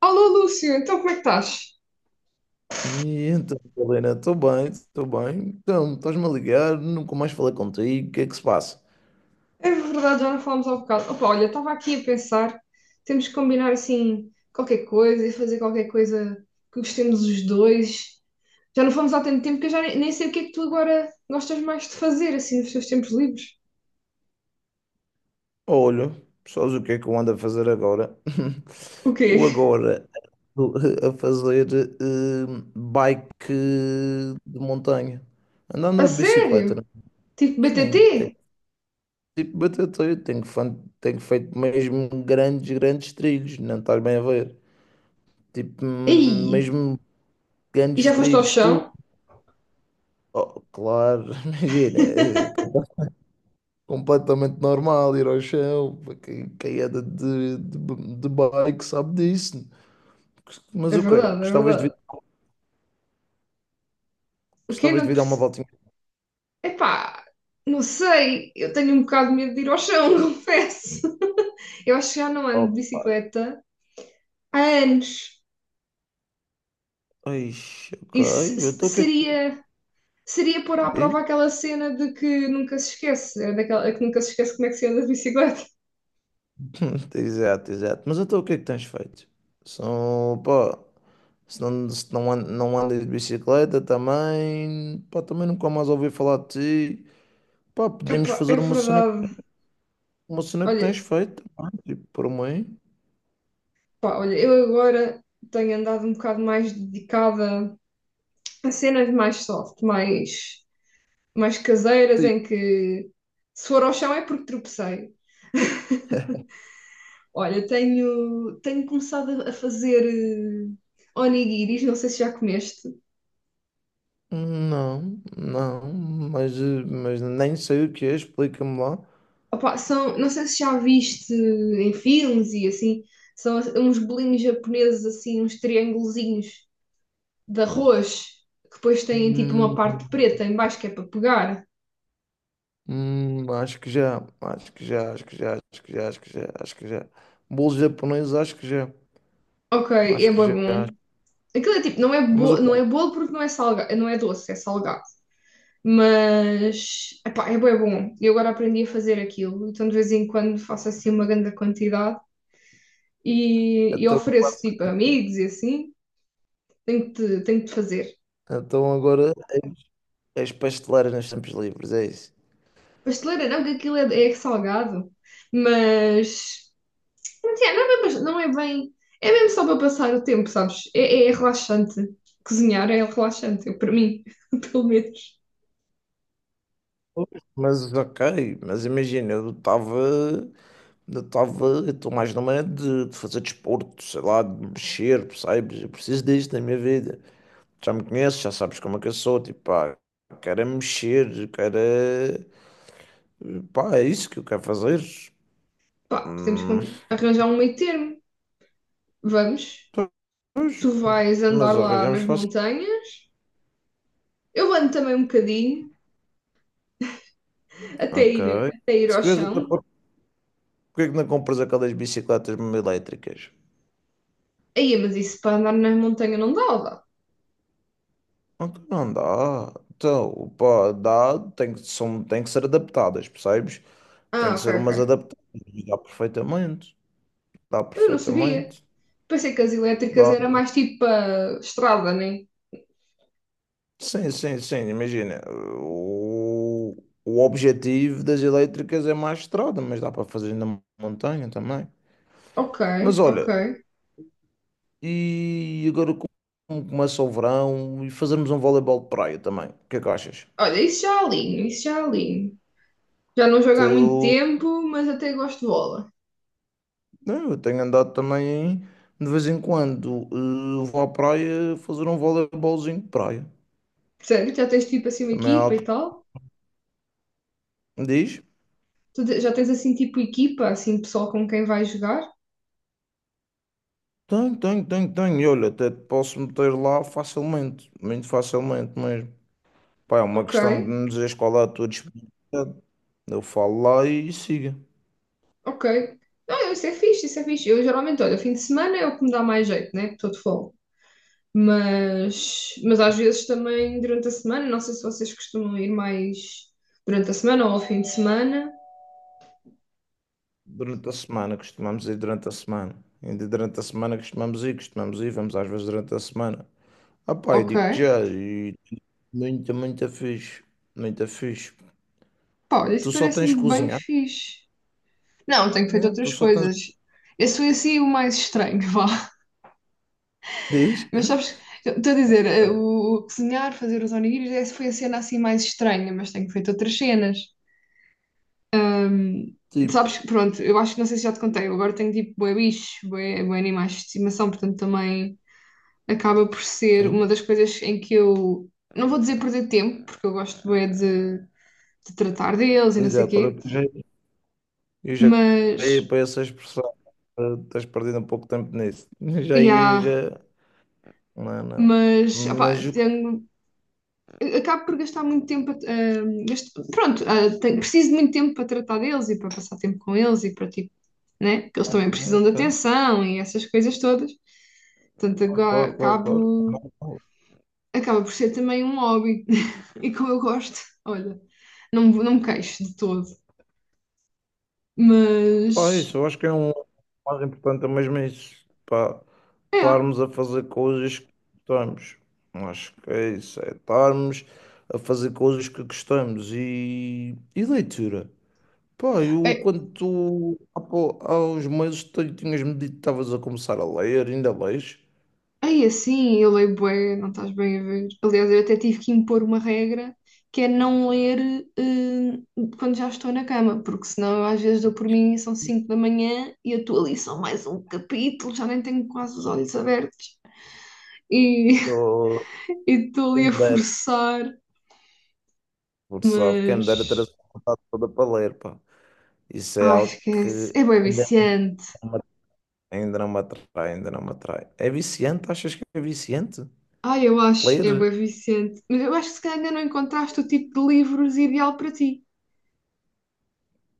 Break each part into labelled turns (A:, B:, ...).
A: Alô, Lúcio, então como é que estás?
B: E então, Helena, estou bem, estou bem. Então, estás-me a ligar, nunca mais falei contigo, o que é que se passa?
A: É verdade, já não falamos há um bocado. Opa, olha, estava aqui a pensar, temos que combinar assim qualquer coisa e fazer qualquer coisa que gostemos os dois. Já não fomos há tanto tempo que eu já nem sei o que é que tu agora gostas mais de fazer, assim, nos teus tempos livres.
B: Olha, sabes o que é que eu ando a fazer agora?
A: O
B: Eu
A: quê?
B: agora estou a fazer eh, bike de montanha. Ando a
A: A
B: andar de bicicleta, né?
A: sério? Tipo
B: Sim, tenho,
A: BTT?
B: tipo, bater teio, tenho, tenho feito mesmo grandes, grandes trilhos, não estás bem a ver? Tipo,
A: Ei!
B: mesmo
A: E já
B: grandes
A: foste ao
B: trilhos, tu.
A: chão?
B: Oh, claro, imagina. Completamente normal ir ao chão. Quem anda de bike sabe disso.
A: É
B: Mas o quê?
A: verdade, é verdade. O quê?
B: Gostavas de
A: Não,
B: vir dar uma voltinha?
A: epá, não sei, eu tenho um bocado de medo de ir ao chão, confesso. Eu acho que já não ando de
B: Opa.
A: bicicleta há anos.
B: Ixi, ok,
A: Isso
B: eu estou o que é que
A: seria, seria pôr à
B: diz?
A: prova aquela cena de que nunca se esquece, é daquela que nunca se esquece como é que se anda de bicicleta.
B: Exato, exato. Mas então o que é que tens feito? São, pá, se não, se não, não andas de bicicleta também, pá, também nunca mais ouvi falar de ti. Pá, podemos
A: Epá, é
B: fazer
A: verdade.
B: uma cena que
A: Olha,
B: tens feito, pá, tipo, por mim.
A: pá, olha, eu agora tenho andado um bocado mais dedicada a cenas mais soft, mais caseiras, em que se for ao chão é porque tropecei. Olha, tenho começado a fazer onigiris, não sei se já comeste.
B: Não, não, mas, mas nem sei o que é, explica-me lá.
A: Opa, são, não sei se já viste em filmes e assim, são uns bolinhos japoneses assim, uns triângulozinhos de arroz, que depois têm tipo uma
B: Hum,
A: parte preta em baixo que é para pegar.
B: acho que já, acho que já. Bolo japonês,
A: Ok, é
B: acho que
A: bué
B: já.
A: bom. Aquilo é tipo, não é,
B: Mas o
A: bo
B: quê?
A: não é bolo porque não é salgado, não é doce, é salgado. Mas, epá, é bué bom. Eu agora aprendi a fazer aquilo, então de vez em quando faço assim uma grande quantidade. E
B: Então,
A: ofereço tipo a amigos e assim, tenho que te fazer.
B: então, agora és pasteleira nos tempos livres, é isso.
A: Pasteleira não, que aquilo é salgado, mas yeah, não, é bem, não é bem, é mesmo só para passar o tempo, sabes? É relaxante. Cozinhar é relaxante, para mim, pelo menos.
B: Pois. Mas ok, mas imagina, eu estou mais numa de fazer desporto, sei lá, de mexer, percebes? Eu preciso disto na minha vida. Já me conheces, já sabes como é que eu sou, tipo, pá, quero é mexer, pá, é isso que eu quero fazer.
A: Pá, podemos
B: Hum,
A: arranjar um meio termo. Vamos,
B: pois,
A: tu vais andar
B: mas
A: lá
B: arranjamos
A: nas
B: fácil.
A: montanhas, eu ando também um bocadinho,
B: Ok.
A: até ir
B: Se
A: ao
B: quiseres até
A: chão.
B: pôr, porque é que não compras aquelas bicicletas mesmo elétricas?
A: Aí, mas isso para andar na montanha não dá, ou dá?
B: Ok, não dá. Então, pá, dá, tem que ser adaptadas, percebes? Tem
A: Ah,
B: que ser umas
A: ok.
B: adaptadas. E dá perfeitamente. Dá
A: Mas eu não sabia.
B: perfeitamente.
A: Pensei que as elétricas
B: Dá.
A: era mais tipo a estrada, né?
B: Sim, sim, sim, imagina. O, o objetivo das elétricas é mais estrada, mas dá para fazer na montanha também.
A: Ok,
B: Mas
A: ok.
B: olha, e agora como começa o verão e fazermos um voleibol de praia também. O que é que achas?
A: Olha, isso já alinho, isso já alinho. Já não jogo há muito
B: Eu,
A: tempo, mas até gosto de bola.
B: não, eu tenho andado também de vez em quando. Vou à praia fazer um voleibolzinho de praia.
A: Sério? Já tens tipo assim uma
B: Também há
A: equipa
B: algo
A: e
B: que
A: tal?
B: me diz.
A: Já tens assim tipo equipa, assim pessoal com quem vais jogar?
B: Tenho, tenho, tenho, tenho. E olha, até te posso meter lá facilmente, muito facilmente mesmo. Pá, é uma
A: Ok,
B: questão de me dizeres qual é a tua disponibilidade. Eu falo lá e siga.
A: ok. Não, isso é fixe, isso é fixe. Eu geralmente, olha, fim de semana é o que me dá mais jeito, né? Estou de folga. Mas às vezes também durante a semana, não sei se vocês costumam ir mais durante a semana ou ao fim de semana.
B: Durante a semana, costumamos ir durante a semana. Ainda durante a semana costumamos ir, vamos às vezes durante a semana. Ah pá, eu
A: Ok.
B: digo já, e muito, muito fixe. Muito fixe.
A: Pá, olha, isso
B: Tu só tens que
A: parece-me bem
B: cozinhar,
A: fixe. Não, tenho feito
B: né? Tu
A: outras
B: só tens.
A: coisas. Esse foi assim o mais estranho, vá.
B: Diz?
A: Mas sabes, eu estou a dizer, o cozinhar, fazer os onigiris, essa foi a cena assim mais estranha, mas tenho feito outras cenas. Ahm, sabes,
B: Tipo,
A: que, pronto, eu acho que não sei se já te contei, eu agora tenho tipo bué bicho, bué animais de estimação, portanto também acaba por ser uma
B: sim.
A: das coisas em que eu não vou dizer perder tempo, porque eu gosto bem de tratar deles e não sei o
B: Exato, olha,
A: quê,
B: eu já
A: mas
B: ia para essa expressão. Estás perdendo um pouco de tempo nisso. Já ia,
A: yeah,
B: já. Não, não.
A: mas opá,
B: Mas o
A: acabo por gastar muito tempo pronto, preciso de muito tempo para tratar deles e para passar tempo com eles e para tipo, né? Porque eles também precisam de
B: ok.
A: atenção e essas coisas todas. Portanto,
B: Claro, claro, claro.
A: acaba por ser também um hobby e como eu gosto, olha, não, não me queixo de todo. Mas
B: Pá, isso, eu acho que é um o mais importante é mesmo isso, pá,
A: é,
B: estarmos a fazer coisas que gostamos. Acho que é isso, é estarmos a fazer coisas que gostamos e leitura. Pá, eu
A: é,
B: quando tu há uns meses tu tinhas-me dito que estavas a começar a ler, ainda lês?
A: é assim, eu leio bué, não estás bem a ver. Aliás, eu até tive que impor uma regra que é não ler quando já estou na cama, porque senão eu às vezes dou por mim e são 5 da manhã e eu estou ali só mais um capítulo, já nem tenho quase os olhos abertos e
B: Ou
A: e estou
B: quem
A: ali a
B: me dera,
A: forçar,
B: por sabe, quem me dera ter
A: mas
B: essa vontade toda para ler, pá. Isso é
A: ai,
B: algo
A: esquece,
B: que
A: é bué viciante.
B: ainda não me atrai, ainda não me atrai. É viciante? Achas que é viciante?
A: Ai, eu acho, é
B: Ler?
A: bué viciante, mas eu acho que se calhar ainda não encontraste o tipo de livros ideal para ti.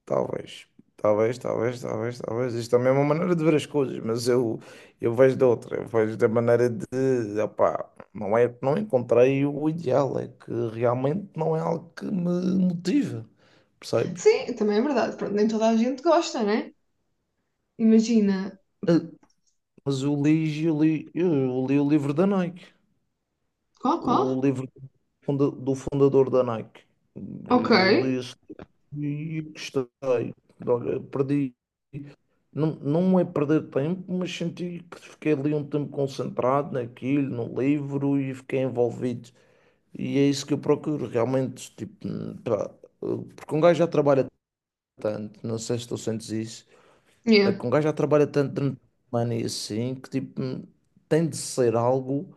B: Talvez. Talvez, talvez, talvez, talvez. Isto também é uma maneira de ver as coisas, mas eu vejo de outra. Eu vejo da maneira de, opá, não é, não encontrei o ideal, é que realmente não é algo que me motiva, percebes?
A: Sim, também é verdade. Pronto, nem toda a gente gosta, né? Imagina.
B: Ah, mas eu li o livro da Nike,
A: Qual, qual?
B: o livro do do fundador da Nike.
A: Ok.
B: Eu li esse e gostei. Olha, perdi. Não, não é perder tempo, mas senti que fiquei ali um tempo concentrado naquilo, no livro e fiquei envolvido. E é isso que eu procuro realmente. Tipo, pá, porque um gajo já trabalha tanto, não sei se tu sentes isso, é
A: Yeah.
B: que um gajo já trabalha tanto durante a semana e assim, que tipo, tem de ser algo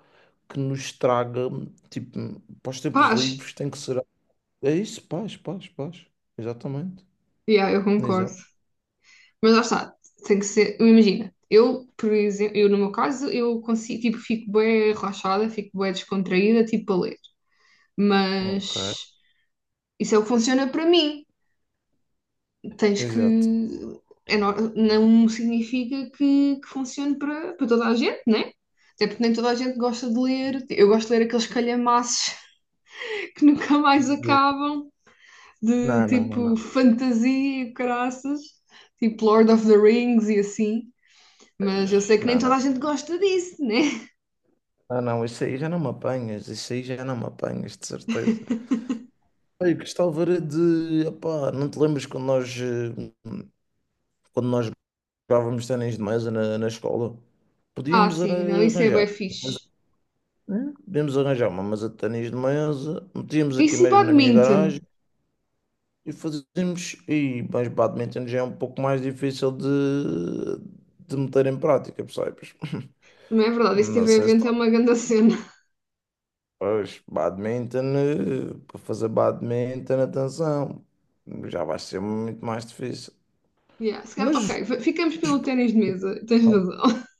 B: que nos traga, tipo, para os tempos
A: Paz.
B: livres, tem que ser. É isso, paz, paz, paz. Exatamente.
A: Yeah, eu concordo.
B: Exato.
A: Mas lá está. Tem que ser. Eu Imagina. Eu, por exemplo, eu no meu caso, eu consigo, tipo, fico bem relaxada, fico bem descontraída, tipo, a ler.
B: Ok.
A: Mas isso é o que funciona para mim. Tens que.
B: Exato.
A: É, não significa que funcione para toda a gente, né? Até porque nem toda a gente gosta de ler. Eu gosto de ler aqueles calhamaços que nunca mais
B: Não,
A: acabam, de
B: não, não, não.
A: tipo fantasia e caraças, tipo Lord of the Rings e assim. Mas eu
B: Tens.
A: sei que nem
B: Não, não.
A: toda a gente gosta disso, né?
B: Não, não, isso aí já não me apanhas, isso aí já não me apanhas, de certeza. Olha, Cristal de opá, não te lembras quando nós, quando nós jogávamos ténis de mesa na escola?
A: Ah,
B: Podíamos era
A: sim, não, isso é
B: arranjar,
A: bué
B: mas,
A: fixe.
B: podíamos arranjar uma mesa de ténis de mesa, metíamos aqui
A: Isso e
B: mesmo na minha
A: badminton.
B: garagem e fazíamos, e, mas badminton já é um pouco mais difícil de meter em prática, percebes?
A: Não é verdade, esse
B: Não
A: TV
B: sei se.
A: evento é uma grande cena.
B: Pois, badminton, para fazer badminton, atenção, já vai ser muito mais difícil.
A: Yeah, se calhar- ok,
B: Mas
A: ficamos pelo ténis de mesa, tens razão.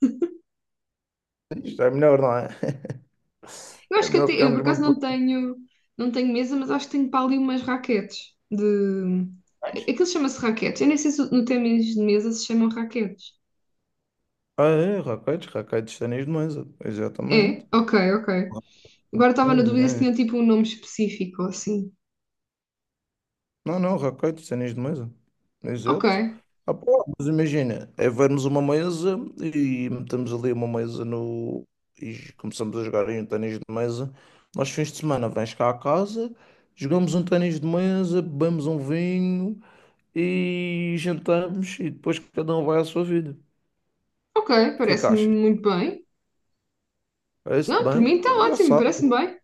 B: isto é melhor, não é?
A: Eu
B: É
A: acho que
B: melhor
A: até, eu por
B: ficarmos
A: acaso
B: mesmo por.
A: não tenho, não tenho mesa, mas acho que tenho para ali umas raquetes de... Aquilo chama-se raquetes. Eu nem sei se no ténis de mesa se chamam raquetes.
B: Ah, é, raquetes, raquetes, de ténis de mesa, exatamente.
A: É? Ok, ok. Agora estava
B: Mas,
A: na dúvida se
B: é.
A: tinha tipo um nome específico assim.
B: Não, não, raquete, cenas de mesa.
A: Ok,
B: Exato. Ah, pô, mas imagina, é vermos uma mesa e metemos ali uma mesa no. E começamos a jogar aí um ténis de mesa. Nós, fins de semana, vens cá à casa, jogamos um ténis de mesa, bebemos um vinho e jantamos e depois cada um vai à sua vida. O
A: ok,
B: que é que
A: parece-me
B: achas?
A: muito bem.
B: Parece-te
A: Não, por
B: bem?
A: mim está
B: Então já
A: ótimo,
B: sabe.
A: parece-me bem.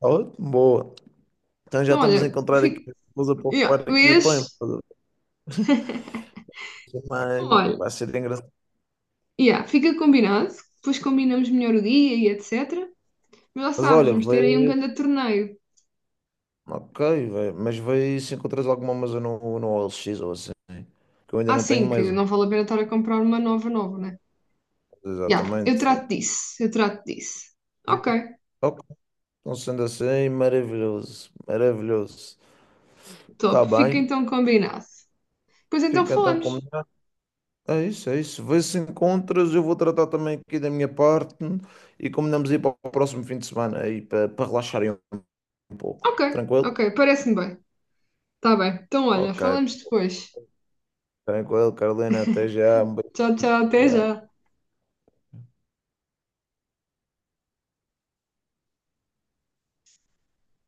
B: Tá ótimo, boa. Então já
A: Então,
B: estamos a
A: olha,
B: encontrar aqui
A: fica.
B: coisa para
A: Yeah,
B: ocupar aqui o tempo.
A: vês? Então,
B: Mas
A: olha,
B: vai ser engraçado.
A: yeah, fica combinado, depois combinamos melhor o dia e etc. Mas já
B: Mas
A: sabes,
B: olha,
A: vamos ter aí um grande torneio.
B: ok, mas vê se encontras alguma mesa no, no OLX ou assim, que eu ainda
A: Ah,
B: não tenho
A: sim, que
B: mesa.
A: não vale a pena estar a comprar uma nova, né? Yeah, eu
B: Exatamente.
A: trato
B: Tipo,
A: disso, eu trato disso. Ok,
B: ok, então sendo assim, maravilhoso, maravilhoso.
A: top,
B: Está
A: fica
B: bem,
A: então combinado. Pois então
B: fica então
A: falamos.
B: combinado. É isso, é isso. Vê se encontras, eu vou tratar também aqui da minha parte e combinamos ir para o próximo fim de semana aí para, para relaxarem um pouco.
A: Ok,
B: Tranquilo?
A: ok, parece-me bem. Tá bem. Então, olha,
B: Ok,
A: falamos depois.
B: tranquilo, Carolina, até já, um beijo.
A: Tchau, tchau, até
B: Já.
A: já.